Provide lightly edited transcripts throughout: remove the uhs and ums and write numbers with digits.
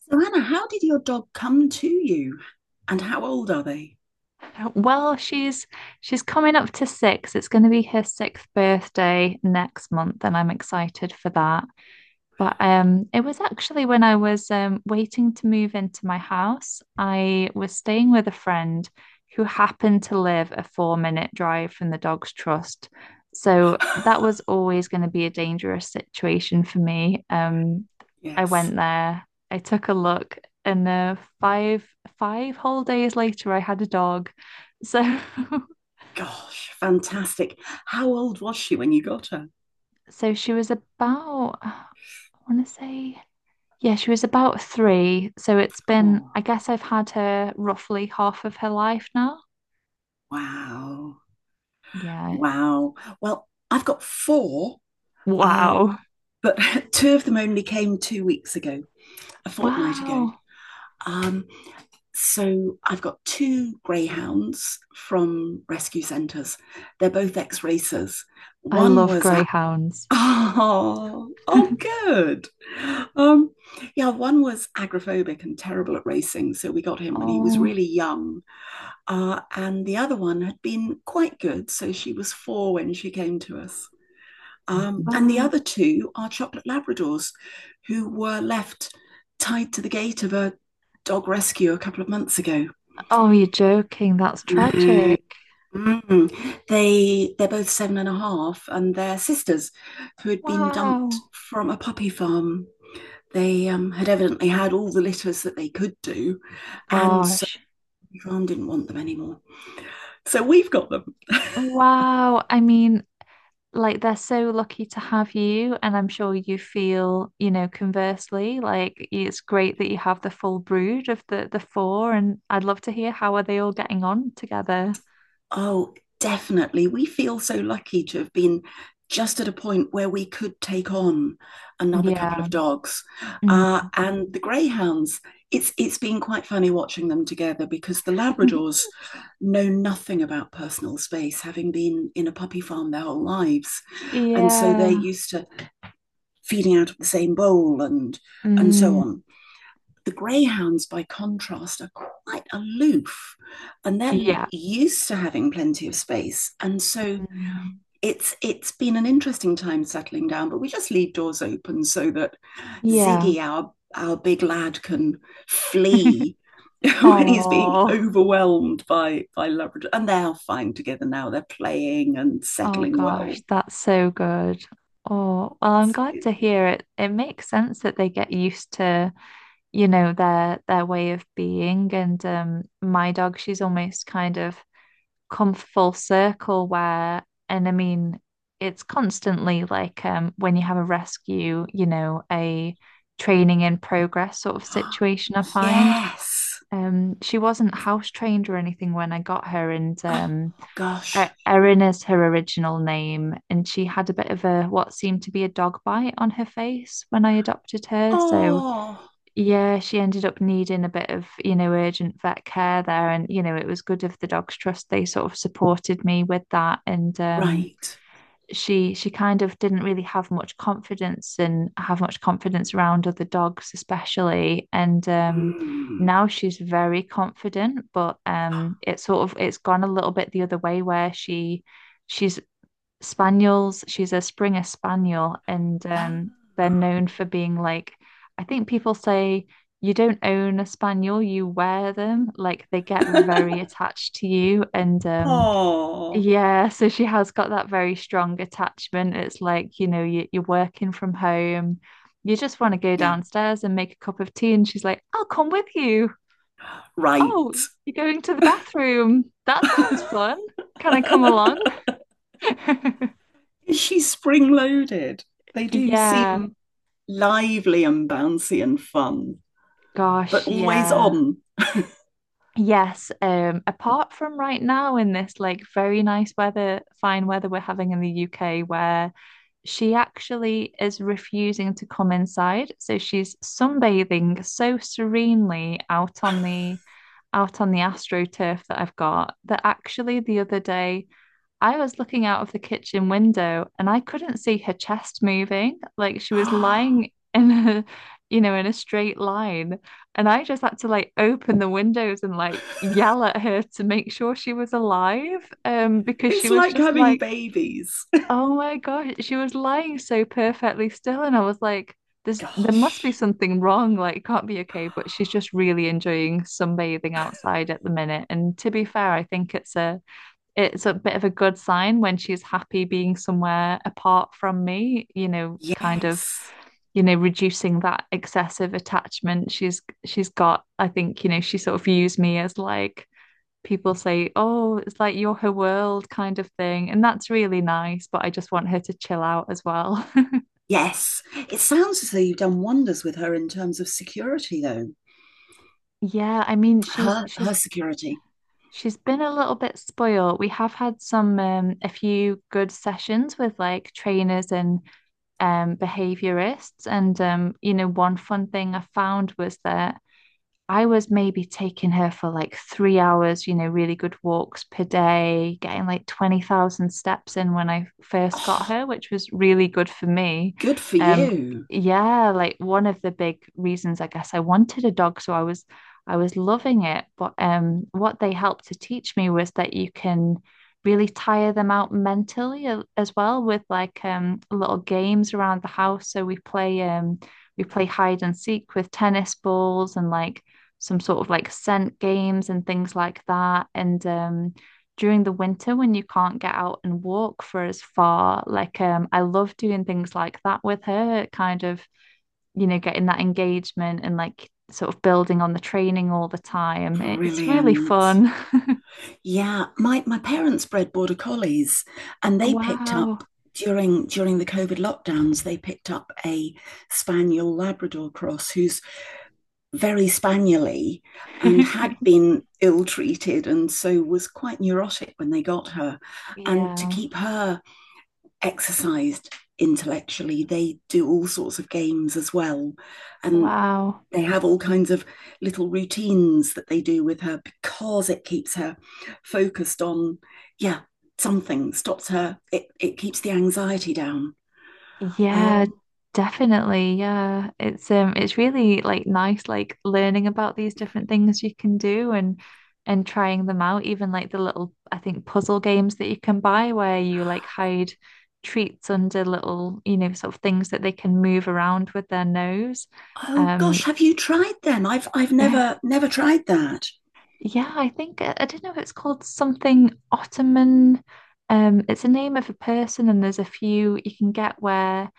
So, Anna, how did your dog come to you and how old are they? Well, she's coming up to 6. It's going to be her sixth birthday next month, and I'm excited for that. But it was actually when I was waiting to move into my house, I was staying with a friend who happened to live a 4-minute drive from the Dogs Trust. So that was always going to be a dangerous situation for me. I Yes. went there, I took a look, and five whole days later, I had a dog. So Gosh, fantastic. How old was she when you got her? so she was about, I want to say, yeah, she was about 3. So it's been, Oh, I guess I've had her roughly half of her life now. wow. Yeah. Wow. Well, I've got four, uh, Wow. but two of them only came 2 weeks ago, a fortnight ago. Wow. Um, so I've got two greyhounds from rescue centres. They're both ex racers. I One love was at greyhounds. Oh, oh, good. Um, yeah, one was agoraphobic and terrible at racing, so we got him when he was Oh, really young. And the other one had been quite good. So she was four when she came to us. And the wow. other two are chocolate Labradors who were left tied to the gate of a dog rescue a couple of months ago. Oh, you're joking. That's Mm. tragic. They're both seven and a half, and they're sisters, who had been dumped Wow. from a puppy farm. They had evidently had all the litters that they could do, and so Gosh. the farm didn't want them anymore. So we've got them. Wow. I mean, like they're so lucky to have you, and I'm sure you feel, you know, conversely, like it's great that you have the full brood of the four, and I'd love to hear how are they all getting on together. Oh, definitely. We feel so lucky to have been just at a point where we could take on another Yeah. couple of dogs. Uh, Mm. and the greyhounds, it's been quite funny watching them together because the Labradors know nothing about personal space, having been in a puppy farm their whole lives. And so they're Yeah. used to feeding out of the same bowl, and so Mm. on. The greyhounds, by contrast, are quite aloof and they're Yeah. used to having plenty of space. And so Mm. it's been an interesting time settling down, but we just leave doors open so that Yeah. Ziggy, our big lad, can flee when he's being Oh, overwhelmed by Labrador. And they're fine together now. They're playing and oh settling gosh, well. that's so good. Oh, well, I'm It's glad it, to hear it. It makes sense that they get used to, you know, their way of being. And my dog, she's almost kind of come full circle where, and I mean, it's constantly like when you have a rescue, you know, a training in progress sort of situation, I find. yes. She wasn't house trained or anything when I got her, and Oh E- gosh. Erin is her original name, and she had a bit of a what seemed to be a dog bite on her face when I adopted her. So Oh, yeah, she ended up needing a bit of, you know, urgent vet care there. And, you know, it was good of the Dogs Trust. They sort of supported me with that. And right. she kind of didn't really have much confidence around other dogs, especially. And Mm. now she's very confident, but it's sort of it's gone a little bit the other way where she's spaniels. She's a Springer Spaniel, and Oh. They're known for being like, I think people say you don't own a spaniel, you wear them. Like they get very attached to you, and Oh, yeah, so she has got that very strong attachment. It's like, you know, you're working from home. You just want to go yeah, downstairs and make a cup of tea, and she's like, "I'll come with you." right. Oh, you're going to the bathroom. That sounds fun. Can I come along? Is she spring loaded? They do Yeah, seem lively and bouncy and fun, but gosh, always yeah. on. Yes, apart from right now in this like very nice weather, fine weather we're having in the UK, where she actually is refusing to come inside. So she's sunbathing so serenely out on the AstroTurf that I've got, that actually the other day I was looking out of the kitchen window and I couldn't see her chest moving. Like she was lying in a, you know, in a straight line. And I just had to like open the windows and like yell at her to make sure she was alive. Because she It's was like just having like, babies. oh my gosh, she was lying so perfectly still. And I was like, there must be Gosh. something wrong. Like it can't be okay. But she's just really enjoying sunbathing outside at the minute. And to be fair, I think it's a bit of a good sign when she's happy being somewhere apart from me, you know, kind of, Yes. you know, reducing that excessive attachment she's got. I think, you know, she sort of views me as like, people say, oh, it's like you're her world, kind of thing, and that's really nice, but I just want her to chill out as well. Yes. It sounds as though you've done wonders with her in terms of security, though. Yeah, I mean, she's Her she's her security. She's been a little bit spoiled. We have had some a few good sessions with like trainers and behaviorists. And, you know, one fun thing I found was that I was maybe taking her for like 3 hours, you know, really good walks per day, getting like 20,000 steps in when I first got Oh, her, which was really good for me. good for Um, you. yeah, like one of the big reasons I guess I wanted a dog, so I was loving it. But what they helped to teach me was that you can really tire them out mentally as well with like little games around the house. So we play hide and seek with tennis balls and like some sort of like scent games and things like that. And during the winter, when you can't get out and walk for as far, like I love doing things like that with her, kind of, you know, getting that engagement and like sort of building on the training all the time. It's really Brilliant. fun. Yeah, my parents bred border collies, and they picked up Wow. during the COVID lockdowns. They picked up a spaniel Labrador cross who's very spaniely and had been ill treated, and so was quite neurotic when they got her. And to Yeah. keep her exercised intellectually, they do all sorts of games as well, and Wow. they have all kinds of little routines that they do with her because it keeps her focused on, yeah, something stops her. It keeps the anxiety down. Yeah, um, definitely. Yeah. It's really like nice like learning about these different things you can do and trying them out, even like the little I think puzzle games that you can buy where you like hide treats under little, you know, sort of things that they can move around with their nose. oh Um gosh, have you tried them? I've never never tried that. yeah, I think I don't know if it's called something Ottoman. It's a name of a person, and there's a few you can get where.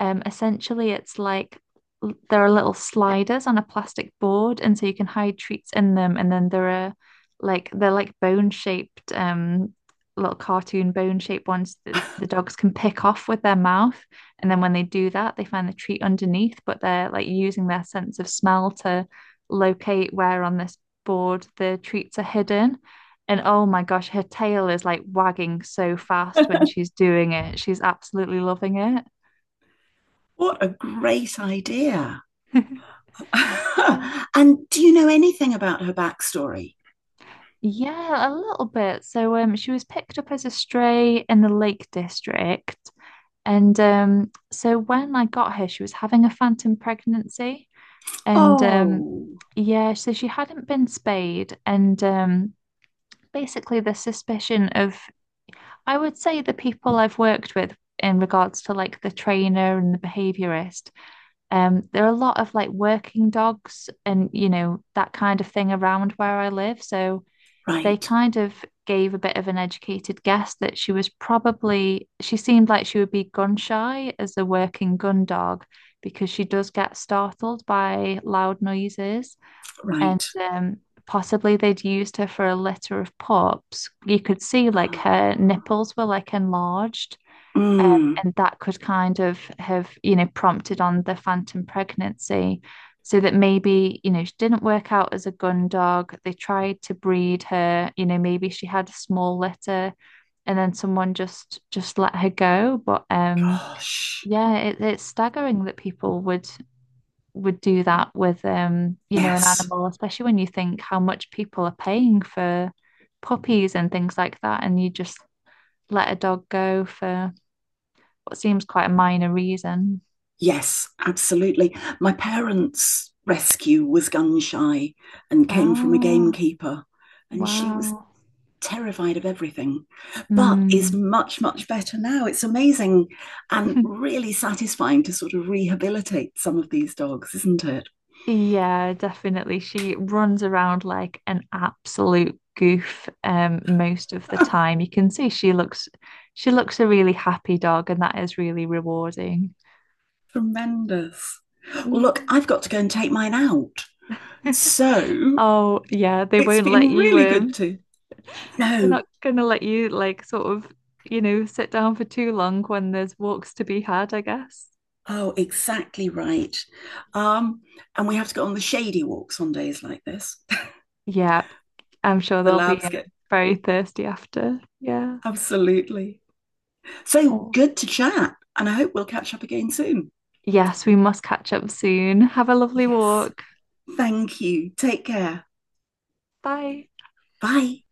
Essentially, it's like there are little sliders on a plastic board, and so you can hide treats in them. And then there are, like, they're like bone shaped, little cartoon bone shaped ones that the dogs can pick off with their mouth. And then when they do that, they find the treat underneath, but they're like using their sense of smell to locate where on this board the treats are hidden. And oh my gosh, her tail is like wagging so fast when she's doing it. She's absolutely loving What a great idea. it. Yeah. And do you know anything about her backstory? Yeah, a little bit. So she was picked up as a stray in the Lake District. And so when I got her, she was having a phantom pregnancy. And Oh, yeah, so she hadn't been spayed. And basically the suspicion of, I would say, the people I've worked with in regards to like the trainer and the behaviorist, there are a lot of like working dogs and, you know, that kind of thing around where I live. So they right. kind of gave a bit of an educated guess that she was probably, she seemed like she would be gun shy as a working gun dog because she does get startled by loud noises. And Right. Possibly they'd used her for a litter of pups. You could see like her nipples were like enlarged, um, Mm. and that could kind of have, you know, prompted on the phantom pregnancy. So that maybe, you know, she didn't work out as a gun dog. They tried to breed her, you know, maybe she had a small litter and then someone just let her go. But Gosh. yeah, it's staggering that people would do that with you know, an Yes. animal, especially when you think how much people are paying for puppies and things like that, and you just let a dog go for what seems quite a minor reason. Yes, absolutely. My parents' rescue was gun shy and came from a Ah, gamekeeper, and she was wow. terrified of everything, but is Hmm. much, much better now. It's amazing and really satisfying to sort of rehabilitate some of these dogs, isn't it? Yeah, definitely. She runs around like an absolute goof most of the time. You can see she looks a really happy dog, and that is really rewarding. Tremendous. Well, look, Mm. I've got to go and take mine out. So Oh, yeah, they it's won't let been you really good to they're know. not gonna let you, like, sort of, you know, sit down for too long when there's walks to be had, I guess. Oh, exactly right. Um, and we have to go on the shady walks on days like this. Yeah, I'm sure The they'll be labs get very thirsty after. Yeah. absolutely. So Oh. good to chat. And I hope we'll catch up again soon. Yes, we must catch up soon. Have a lovely Yes. walk. Thank you. Take care. Bye. Bye.